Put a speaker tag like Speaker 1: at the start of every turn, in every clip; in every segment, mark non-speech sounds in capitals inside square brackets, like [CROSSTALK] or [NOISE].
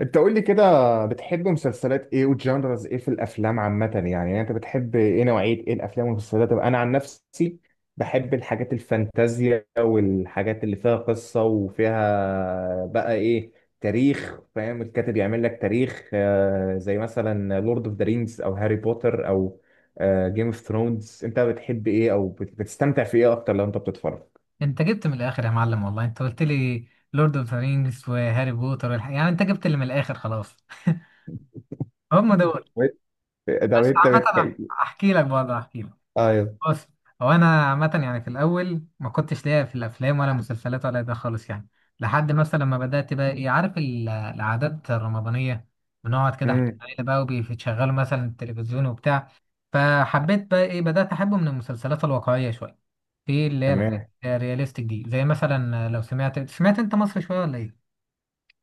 Speaker 1: انت قول لي كده. بتحب مسلسلات ايه وجانرز ايه في الافلام عامه يعني انت بتحب ايه، نوعيه ايه الافلام والمسلسلات؟ طب انا عن نفسي بحب الحاجات الفانتازيا والحاجات اللي فيها قصه وفيها بقى ايه، تاريخ، فاهم؟ الكاتب يعمل لك تاريخ، زي مثلا لورد اوف ذا رينجز او هاري بوتر او جيم اوف ثرونز. انت بتحب ايه او بتستمتع في ايه اكتر لو انت بتتفرج؟
Speaker 2: انت جبت من الاخر يا معلم، والله انت قلت لي لورد اوف ذا رينجز وهاري بوتر والحاجة. يعني انت جبت اللي من الاخر خلاص. [LAUGHS] هم
Speaker 1: مم.
Speaker 2: دول.
Speaker 1: ده
Speaker 2: بس
Speaker 1: انت
Speaker 2: عامة
Speaker 1: بتحب؟
Speaker 2: احكي لك برضه احكي لك.
Speaker 1: ايوه.
Speaker 2: بص، هو انا عامه يعني في الاول ما كنتش ليا في الافلام ولا مسلسلات ولا ده خالص، يعني لحد مثلا ما بدات بقى ايه، عارف العادات الرمضانيه، بنقعد كده احنا
Speaker 1: امم.
Speaker 2: العيله بقى وبيشغلوا مثلا التلفزيون وبتاع. فحبيت بقى ايه، بدات احبه من المسلسلات الواقعيه شويه، في اللي هي الحاجات
Speaker 1: تمام.
Speaker 2: الرياليستيك دي، زي مثلا لو سمعت انت مصر شويه ولا ايه؟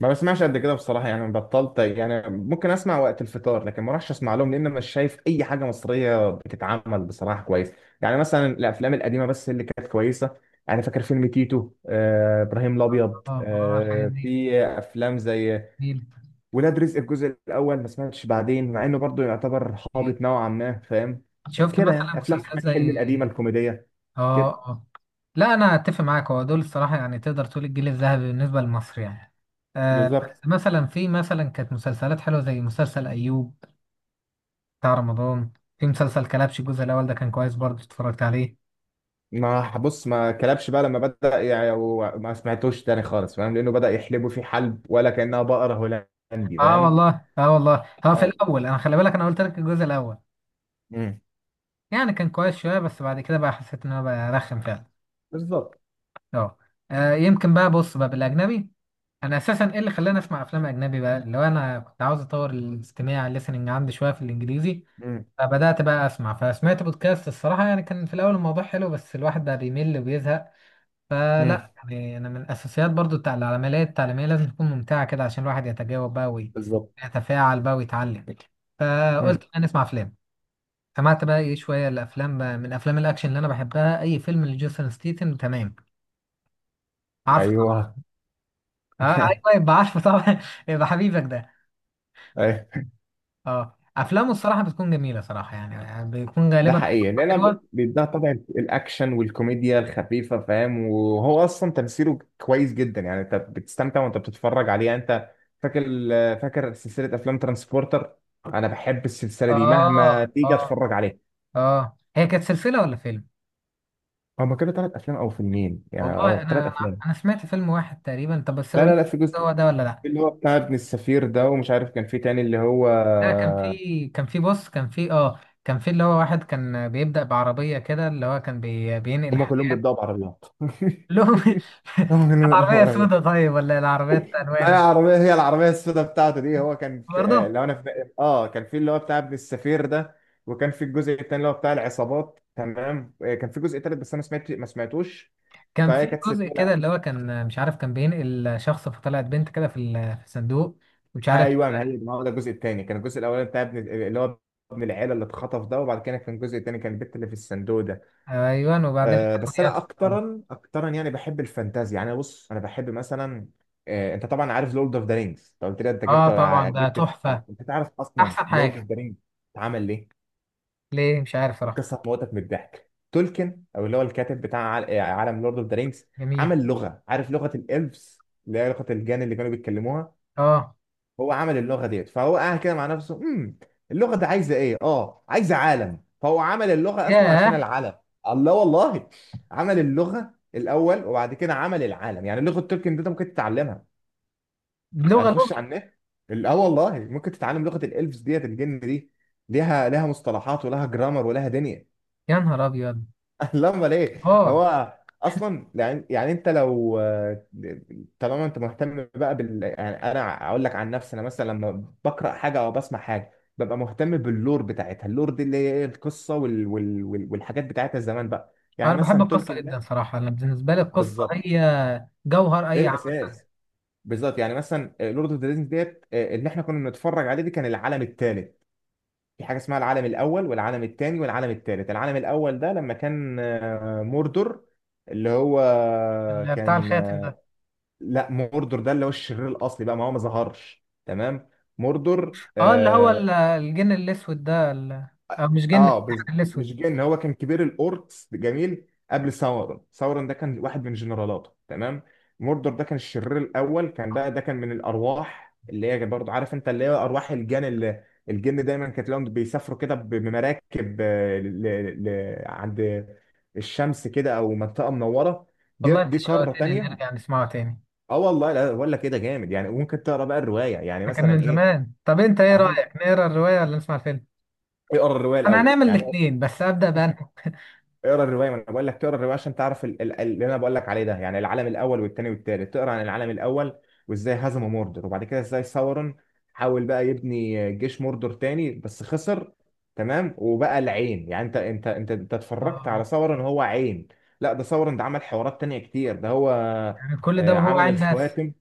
Speaker 1: ما بسمعش قد كده بصراحة، يعني بطلت، يعني ممكن أسمع وقت الفطار لكن ما راحش أسمع لهم، لأن مش شايف أي حاجة مصرية بتتعمل بصراحة كويس. يعني مثلا الأفلام القديمة بس اللي كانت كويسة. أنا فاكر فيلم تيتو، إبراهيم الأبيض،
Speaker 2: اه اه، الحاجات دي
Speaker 1: في أفلام زي
Speaker 2: جميلة.
Speaker 1: ولاد رزق الجزء الأول. ما سمعتش بعدين مع إنه برضه يعتبر
Speaker 2: ايه،
Speaker 1: هابط نوعا ما، فاهم
Speaker 2: شفت
Speaker 1: كده؟
Speaker 2: مثلا
Speaker 1: يعني أفلام
Speaker 2: مسلسلات
Speaker 1: أحمد حلمي
Speaker 2: زي
Speaker 1: القديمة الكوميدية كده.
Speaker 2: اه اه. لا انا اتفق معاك، هو دول الصراحه يعني، تقدر تقول الجيل الذهبي بالنسبه لمصر يعني. آه
Speaker 1: بالظبط.
Speaker 2: بس مثلا، في مثلا كانت مسلسلات حلوه زي مسلسل ايوب بتاع رمضان. في مسلسل كلبش الجزء الاول، ده كان كويس برضه، اتفرجت عليه.
Speaker 1: ما بص، ما كلبش بقى لما بدأ يعني، وما سمعتوش تاني خالص، فاهم؟ لأنه بدأ يحلبوا فيه حلب، ولا كأنها بقرة هولندي،
Speaker 2: اه
Speaker 1: فاهم؟
Speaker 2: والله، اه والله، هو في
Speaker 1: اه.
Speaker 2: الاول انا خلي بالك انا قلت لك الجزء الاول،
Speaker 1: مم.
Speaker 2: يعني كان كويس شويه، بس بعد كده بقى حسيت ان هو بقى رخم فعلا.
Speaker 1: بالظبط.
Speaker 2: اه. آه، يمكن بقى، بص بقى بالاجنبي، انا اساسا ايه اللي خلاني اسمع افلام اجنبي بقى، اللي هو انا كنت عاوز اطور الاستماع الليسننج عندي شويه في الانجليزي.
Speaker 1: مم.
Speaker 2: فبدأت بقى أسمع، فسمعت بودكاست. الصراحة يعني كان في الأول الموضوع حلو، بس الواحد بقى بيمل وبيزهق.
Speaker 1: مم.
Speaker 2: فلا يعني أنا من الأساسيات برضو بتاع العمليات التعليمية لازم تكون ممتعة كده، عشان الواحد يتجاوب بقى
Speaker 1: بالظبط.
Speaker 2: ويتفاعل بقى ويتعلم.
Speaker 1: مم.
Speaker 2: فقلت بقى نسمع أفلام. سمعت بقى إيه شوية الأفلام بقى، من أفلام الأكشن اللي أنا بحبها، أي فيلم لجيسون ستيتن. تمام، عارفه طبعا.
Speaker 1: ايوه.
Speaker 2: أه أيوه،
Speaker 1: [LAUGHS]
Speaker 2: يبقى عارفه طبعا. [LAUGHS] يبقى حبيبك ده.
Speaker 1: أيوة.
Speaker 2: أه، أفلامه الصراحة بتكون جميلة صراحة، يعني بيكون
Speaker 1: ده
Speaker 2: غالبا
Speaker 1: حقيقي، لان انا
Speaker 2: حلوة.
Speaker 1: بيديها طبع الاكشن والكوميديا الخفيفه، فاهم؟ وهو اصلا تمثيله كويس جدا، يعني انت بتستمتع وانت بتتفرج عليه. يعني انت فاكر، فاكر سلسله افلام ترانسبورتر؟ انا بحب السلسله دي مهما
Speaker 2: اه
Speaker 1: تيجي
Speaker 2: اه.
Speaker 1: اتفرج عليها.
Speaker 2: اه، هي كانت سلسلة ولا فيلم؟
Speaker 1: هما كانوا ثلاث افلام او فيلمين، يعني
Speaker 2: والله انا
Speaker 1: ثلاث
Speaker 2: انا
Speaker 1: افلام.
Speaker 2: أنا سمعت فيلم واحد تقريبا، طب بس
Speaker 1: لا
Speaker 2: اقول
Speaker 1: لا
Speaker 2: لك،
Speaker 1: لا في جزء
Speaker 2: هو ده ولا لا؟
Speaker 1: اللي هو بتاع ابن السفير ده، ومش عارف كان في تاني اللي هو.
Speaker 2: ده كان في كان في بص كان في اه كان في اللي هو واحد كان بيبدأ بعربية كده، اللي هو كان بينقل
Speaker 1: هما كلهم
Speaker 2: حاجة
Speaker 1: بيبدأوا بعربيات.
Speaker 2: لهم.
Speaker 1: [LAUGHS] هما
Speaker 2: [LAUGHS] كانت
Speaker 1: كلهم بيبدأوا
Speaker 2: عربية سودة
Speaker 1: بعربيات.
Speaker 2: طيب، ولا العربيات
Speaker 1: ما هي
Speaker 2: ألوان؟
Speaker 1: العربية، هي العربية السوداء بتاعته دي. هو كان في
Speaker 2: برضه
Speaker 1: لو انا في كان في اللي هو بتاع ابن السفير ده، وكان في الجزء التاني اللي هو بتاع العصابات، تمام؟ كان في جزء تالت بس انا ما سمعتوش.
Speaker 2: كان
Speaker 1: فهي
Speaker 2: في
Speaker 1: كانت
Speaker 2: جزء
Speaker 1: سلسلة.
Speaker 2: كده، اللي هو كان مش عارف، كان بينقل شخص فطلعت بنت كده في الصندوق، مش عارف.
Speaker 1: ايوه، ما هو ده الجزء التاني، كان الجزء الاولاني بتاع ابن اللي هو ابن العيله اللي اتخطف ده، وبعد كده كان الجزء التاني، كان البت اللي في الصندوق ده.
Speaker 2: ايوه، وبعدين
Speaker 1: بس
Speaker 2: الحاجات
Speaker 1: انا
Speaker 2: برضه.
Speaker 1: اكترا اكترا يعني بحب الفانتازيا. يعني أنا بص، انا بحب مثلا، انت طبعا عارف لورد اوف ذا رينجز، انت قلت لي. انت
Speaker 2: اه، طبعا ده
Speaker 1: جبت آه،
Speaker 2: تحفة،
Speaker 1: انت تعرف اصلا
Speaker 2: احسن
Speaker 1: لورد اوف
Speaker 2: حاجة.
Speaker 1: ذا رينجز اتعمل ليه؟
Speaker 2: ليه؟ مش عارف صراحة.
Speaker 1: القصه هتموتك من الضحك. تولكن او اللي هو الكاتب بتاع عالم لورد اوف ذا رينجز
Speaker 2: جميل.
Speaker 1: عمل لغه. عارف لغه الالفز اللي هي لغه الجان اللي كانوا بيتكلموها؟
Speaker 2: اه.
Speaker 1: هو عمل اللغه ديت، فهو قاعد كده مع نفسه، امم، اللغه دي عايزه ايه؟ اه، عايزه عالم. فهو عمل اللغه اصلا عشان
Speaker 2: ياه.
Speaker 1: العالم. الله والله. عمل اللغه الاول وبعد كده عمل العالم. يعني لغه تولكن دي انت ممكن تتعلمها، يعني
Speaker 2: بلغة لغة.
Speaker 1: تخش على النت. والله ممكن تتعلم لغه الالفز ديت، الجن دي، ليها، ليها مصطلحات ولها جرامر ولها دنيا.
Speaker 2: يا نهار ابيض.
Speaker 1: [LAUGHS] لا امال ايه
Speaker 2: اه،
Speaker 1: هو؟ اصلا يعني، يعني انت لو، طالما انت مهتم بقى بال، يعني انا اقول لك عن نفسي، انا مثلا لما بقرا حاجه او بسمع حاجه ببقى مهتم باللور بتاعتها. اللور دي اللي هي ايه القصه والحاجات بتاعتها زمان بقى. يعني
Speaker 2: انا بحب
Speaker 1: مثلا
Speaker 2: القصة
Speaker 1: تولكن
Speaker 2: جدا
Speaker 1: ده،
Speaker 2: صراحة، انا بالنسبة لي القصة
Speaker 1: بالظبط،
Speaker 2: هي جوهر
Speaker 1: ايه
Speaker 2: اي عمل.
Speaker 1: الاساس. بالظبط. يعني مثلا لورد اوف ذا رينجز ديت، اللي احنا كنا بنتفرج عليه دي، كان العالم الثالث. في حاجه اسمها العالم الاول والعالم الثاني والعالم الثالث. العالم الاول ده لما كان موردور، اللي هو
Speaker 2: بتاع
Speaker 1: كان،
Speaker 2: الخاتم ده.
Speaker 1: لا، موردور ده اللي هو الشرير الاصلي بقى، ما هو ما ظهرش، تمام؟ موردور،
Speaker 2: اه، اللي هو الجن الاسود ده، او مش جن،
Speaker 1: اه
Speaker 2: السحر
Speaker 1: بز...
Speaker 2: الاسود.
Speaker 1: مش جن، هو كان كبير الاوركس. جميل. قبل ساورون، ساورون ده كان واحد من جنرالاته، تمام؟ موردور ده كان الشرير الاول. كان بقى ده كان من الارواح اللي هي برضه، عارف انت، اللي هي ارواح الجن، اللي الجن دايما كانت لهم بيسافروا كده بمراكب، ل... عند الشمس كده، او منطقه منوره، دي
Speaker 2: والله
Speaker 1: دي
Speaker 2: انت
Speaker 1: قاره
Speaker 2: شوقتني
Speaker 1: تانية.
Speaker 2: نرجع نسمعه تاني.
Speaker 1: اه والله. لا بقول لك كده جامد، يعني ممكن تقرا بقى الروايه، يعني
Speaker 2: ده كان
Speaker 1: مثلا
Speaker 2: من
Speaker 1: ايه.
Speaker 2: زمان. طب انت ايه رأيك، نقرا الرواية ولا نسمع الفيلم؟
Speaker 1: اقرا الروايه
Speaker 2: انا
Speaker 1: الاول
Speaker 2: هنعمل
Speaker 1: يعني.
Speaker 2: الاثنين، بس ابدأ بأنهي؟
Speaker 1: اقرا الروايه، ما انا بقول لك تقرا الروايه عشان تعرف اللي انا بقول لك عليه ده. يعني العالم الاول والثاني والثالث، تقرا عن العالم الاول وازاي هزموا موردر، وبعد كده ازاي ساورون حاول بقى يبني جيش موردر تاني بس خسر، تمام؟ وبقى العين. يعني انت اتفرجت
Speaker 2: اه.
Speaker 1: على ساورون، هو عين. لا، ده ساورون ده عمل حوارات تانية كتير، ده هو
Speaker 2: يعني كل ده وهو
Speaker 1: عمل
Speaker 2: عين بس؟
Speaker 1: الخواتم.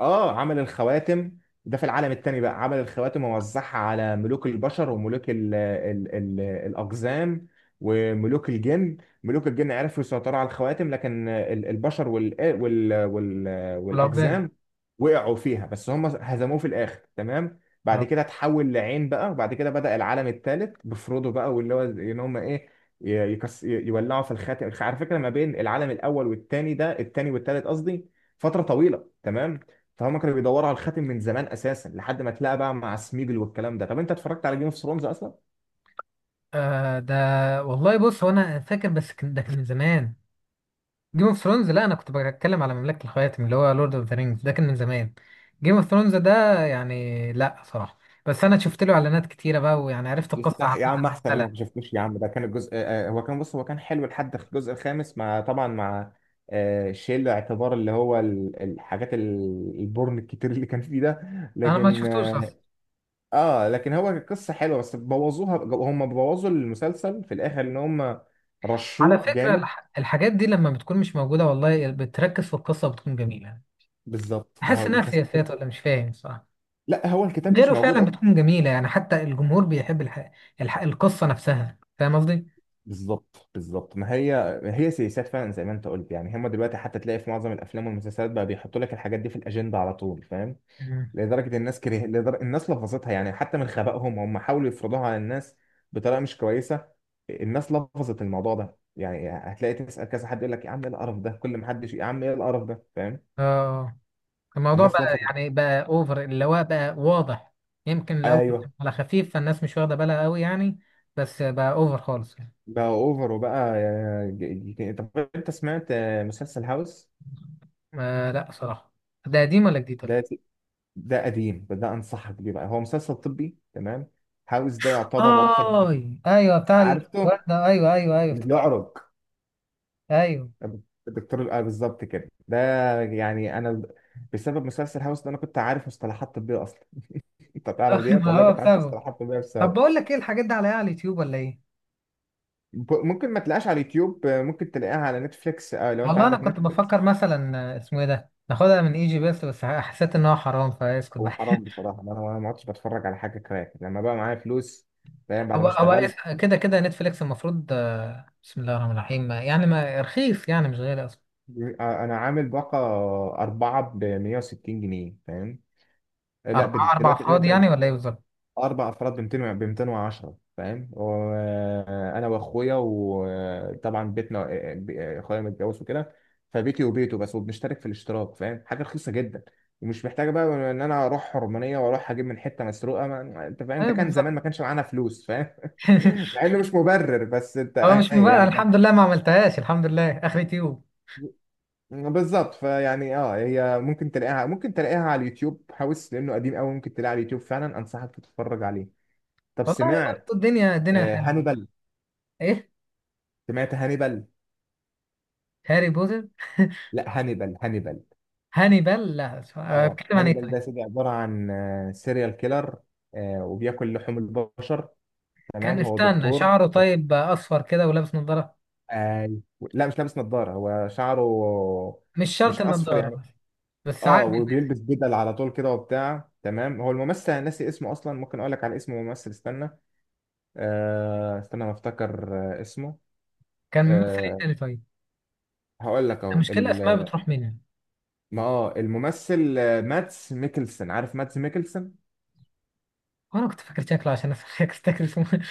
Speaker 1: اه، عمل الخواتم. ده في العالم التاني بقى، عمل الخواتم ووزعها على ملوك البشر وملوك ال الأقزام وملوك الجن. ملوك الجن عرفوا يسيطروا على الخواتم، لكن ال- البشر وال
Speaker 2: والعظام.
Speaker 1: والأقزام وقعوا فيها. بس هم هزموه في الآخر، تمام؟ بعد كده اتحول لعين بقى، وبعد كده بدأ العالم الثالث بفرودو بقى، واللي هو ان هم ايه، يكس، يولعوا في الخاتم. على فكرة، ما بين العالم الأول والتاني، ده التاني والتالت قصدي، فترة طويلة، تمام؟ فهم كانوا بيدوروا على الخاتم من زمان اساسا، لحد ما اتلاقى بقى مع سميجل والكلام ده. طب انت اتفرجت على جيم اوف ثرونز اصلا؟
Speaker 2: ده والله بص هو انا فاكر، بس ده كان من زمان. جيم اوف ثرونز؟ لا انا كنت بتكلم على مملكة الخواتم اللي هو لورد اوف ذا رينجز، ده كان من زمان. جيم اوف ثرونز ده يعني لا صراحة، بس انا شفت له اعلانات كتيرة بقى، ويعني عرفت القصة
Speaker 1: يستح يا
Speaker 2: عامة.
Speaker 1: عم، احسن انا
Speaker 2: لا
Speaker 1: ما شفتوش. يا عم ده كان الجزء، هو كان، بص هو كان حلو لحد الجزء الخامس، مع طبعا مع، شيل اعتبار اللي هو ال- الحاجات ال- البورن الكتير اللي كان فيه ده،
Speaker 2: انا ما
Speaker 1: لكن
Speaker 2: شفتوش اصلا.
Speaker 1: لكن هو القصه حلوه، بس بوظوها، هم بوظوا المسلسل في الاخر ان هم
Speaker 2: على
Speaker 1: رشوه
Speaker 2: فكرة
Speaker 1: جامد.
Speaker 2: الحاجات دي لما بتكون مش موجودة، والله بتركز في القصة وبتكون جميلة،
Speaker 1: بالظبط، ما
Speaker 2: بحس
Speaker 1: هو
Speaker 2: انها
Speaker 1: بس.
Speaker 2: سياسات ولا مش فاهم صراحة.
Speaker 1: لا، هو الكتاب مش
Speaker 2: غيره
Speaker 1: موجود.
Speaker 2: فعلا بتكون جميلة، يعني حتى الجمهور بيحب القصة نفسها، فاهم قصدي؟
Speaker 1: بالظبط، بالظبط، ما هي هي سياسات فعلا، زي ما انت قلت. يعني هم دلوقتي حتى تلاقي في معظم الافلام والمسلسلات بقى بيحطوا لك الحاجات دي في الاجنده على طول، فاهم؟
Speaker 2: مم.
Speaker 1: لدرجه الناس لفظتها. يعني حتى من خبائهم هم حاولوا يفرضوها على الناس بطريقه مش كويسه. الناس لفظت الموضوع ده. يعني هتلاقي تسال كذا حد يقول لك يا عم ايه القرف ده، كل ما حد يا عم ايه القرف ده، فاهم؟
Speaker 2: اه، الموضوع
Speaker 1: الناس
Speaker 2: بقى
Speaker 1: لفظت.
Speaker 2: يعني بقى اوفر، اللي هو بقى واضح. يمكن لو كان
Speaker 1: ايوه.
Speaker 2: على خفيف فالناس مش واخده بالها قوي يعني، بس بقى اوفر خالص يعني.
Speaker 1: بقى اوفر، وبقى طب انت سمعت مسلسل هاوس؟
Speaker 2: آه لا صراحه. ده قديم ولا جديد ولا
Speaker 1: ده،
Speaker 2: ايه؟
Speaker 1: ده قديم فده انصحك بيه بقى، هو مسلسل طبي، تمام؟ هاوس ده يعتبر واحد.
Speaker 2: اي ايوه، بتاع
Speaker 1: عارفه،
Speaker 2: الوردة، ايوه ايوه ايوه
Speaker 1: اللي
Speaker 2: افتكرت.
Speaker 1: بيعرج،
Speaker 2: ايوه.
Speaker 1: الدكتور الآه بالظبط كده ده. يعني انا بسبب مسلسل هاوس ده انا كنت عارف مصطلحات طبيه اصلا. [LAUGHS] انت تعرف
Speaker 2: [LAUGHS]
Speaker 1: ديت،
Speaker 2: ما
Speaker 1: والله
Speaker 2: هو
Speaker 1: كنت عارف
Speaker 2: بسببه.
Speaker 1: مصطلحات طبيه
Speaker 2: طب
Speaker 1: بسبب.
Speaker 2: بقول لك، ايه الحاجات دي عليها على اليوتيوب ولا ايه؟
Speaker 1: ممكن ما تلاقيهاش على اليوتيوب، ممكن تلاقيها على نتفليكس، لو انت
Speaker 2: والله انا
Speaker 1: عندك
Speaker 2: كنت
Speaker 1: نتفليكس.
Speaker 2: بفكر مثلا، آه، اسمه ايه ده؟ ناخدها من اي جي بيست، بس حسيت ان هو حرام فاسكت بقى.
Speaker 1: هو حرام بصراحه، انا ما عدتش بتفرج على حاجه كراك لما بقى معايا فلوس، فاهم؟ بعد ما اشتغلت.
Speaker 2: كده كده نتفليكس المفروض، بسم الله الرحمن الرحيم، يعني ما رخيص يعني، مش غالي اصلا.
Speaker 1: انا عامل باقه اربعه ب 160 جنيه، فاهم؟ لا
Speaker 2: أربعة، أربع
Speaker 1: دلوقتي غير
Speaker 2: أفراد يعني
Speaker 1: ده.
Speaker 2: ولا إيه بالظبط؟
Speaker 1: اربع افراد ب 200، ب 210، فاهم؟ وانا واخويا وطبعا بيتنا، اخويا متجوز وكده، فبيتي وبيته بس، وبنشترك في الاشتراك، فاهم؟ حاجه رخيصه جدا، ومش محتاجه بقى ان انا اروح حرمانيه واروح اجيب من حته مسروقه. ما... انت فاهم،
Speaker 2: أيوه
Speaker 1: ده كان زمان
Speaker 2: بالظبط.
Speaker 1: ما كانش معانا فلوس، فاهم؟ [LAUGHS]
Speaker 2: [LAUGHS]
Speaker 1: مع انه مش مبرر، بس انت
Speaker 2: هو مش
Speaker 1: أهي
Speaker 2: مبالغ،
Speaker 1: يعني كان.
Speaker 2: الحمد لله ما عملتهاش، الحمد لله، آخر تيوب.
Speaker 1: بالظبط، فيعني هي ممكن تلاقيها، ممكن تلاقيها على اليوتيوب. هاوس لانه قديم قوي ممكن تلاقيها على اليوتيوب فعلا، انصحك تتفرج عليه. طب
Speaker 2: والله برضه
Speaker 1: سمعت
Speaker 2: الدنيا حلوة.
Speaker 1: هانيبال؟
Speaker 2: إيه؟
Speaker 1: سمعت هانيبال؟
Speaker 2: هاري بوتر. [LAUGHS]
Speaker 1: لا، هانيبال، هانيبال.
Speaker 2: هانيبال؟ لا
Speaker 1: اه
Speaker 2: بتكلم عن إيه
Speaker 1: هانيبال
Speaker 2: طيب؟
Speaker 1: ده سيدي، عبارة عن سيريال كيلر، وبياكل لحوم البشر، تمام؟
Speaker 2: كان
Speaker 1: هو
Speaker 2: استنى،
Speaker 1: دكتور.
Speaker 2: شعره
Speaker 1: لا
Speaker 2: طيب أصفر كده ولابس نظارة.
Speaker 1: آه لا، مش لابس نظارة، هو شعره
Speaker 2: مش شرط
Speaker 1: مش أصفر
Speaker 2: النظارة،
Speaker 1: يعني.
Speaker 2: بس
Speaker 1: اه،
Speaker 2: عادي.
Speaker 1: وبيلبس بدل على طول كده وبتاع، تمام؟ هو الممثل أنا ناسي اسمه أصلا، ممكن أقول لك على اسم الممثل، استنى، استنى، ما أفتكر آه اسمه،
Speaker 2: كان ممثل إيه
Speaker 1: آه
Speaker 2: تاني طيب؟
Speaker 1: هقول لك أهو.
Speaker 2: المشكلة الأسماء بتروح مني.
Speaker 1: ما اه الممثل ماتس ميكلسن، عارف ماتس ميكلسن؟
Speaker 2: وأنا كنت فاكر شكله عشان أفتكر [LAUGHS] اسمه.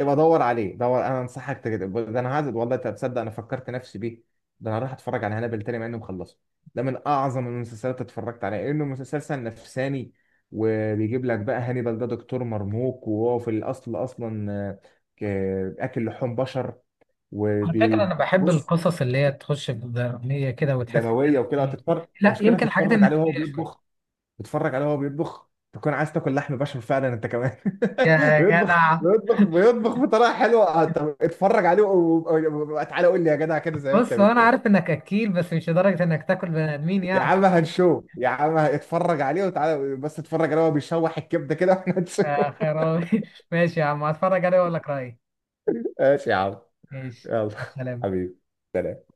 Speaker 1: ابقى دور عليه، دور، انا انصحك. تجد ده، انا عادت والله انت تصدق انا فكرت نفسي بيه، ده انا راح اتفرج على هانبل تاني مع انه مخلصه. ده من اعظم المسلسلات اللي اتفرجت عليها، انه مسلسل نفساني، وبيجيب لك بقى. هانيبال ده دكتور مرموق، وهو في الاصل اصلا ك- اكل لحوم بشر،
Speaker 2: على فكرة أنا بحب
Speaker 1: وبيبص
Speaker 2: القصص اللي هي تخش في الدرامية كده، وتحس إن
Speaker 1: دمويه
Speaker 2: أنا
Speaker 1: وكده.
Speaker 2: إيه.
Speaker 1: هتتفرج.
Speaker 2: لا،
Speaker 1: المشكله
Speaker 2: يمكن الحاجات
Speaker 1: هتتفرج عليه وهو
Speaker 2: النفسية شوية.
Speaker 1: بيطبخ. بتتفرج عليه وهو بيطبخ تكون عايز تاكل لحم بشر فعلا انت كمان. [LAUGHS]
Speaker 2: يا جدع.
Speaker 1: بيطبخ بطريقه حلوه. طب اتفرج عليه تعالى قول لي يا جدع كده زي ما انت
Speaker 2: بص هو أنا
Speaker 1: بتقول.
Speaker 2: عارف إنك أكيل، بس مش لدرجة إنك تاكل بني آدمين
Speaker 1: يا
Speaker 2: يعني.
Speaker 1: عم هنشوف، يا عم اتفرج عليه وتعالى، بس اتفرج عليه وهو بيشوح الكبده كده واحنا هنشوف.
Speaker 2: آه
Speaker 1: [LAUGHS]
Speaker 2: خيراوي. [LAUGHS] ماشي يا عم، هتفرج عليه وأقول لك رأيي.
Speaker 1: ماشي يا عم.
Speaker 2: ماشي،
Speaker 1: يلا،
Speaker 2: مع السلامة.
Speaker 1: حبيبي.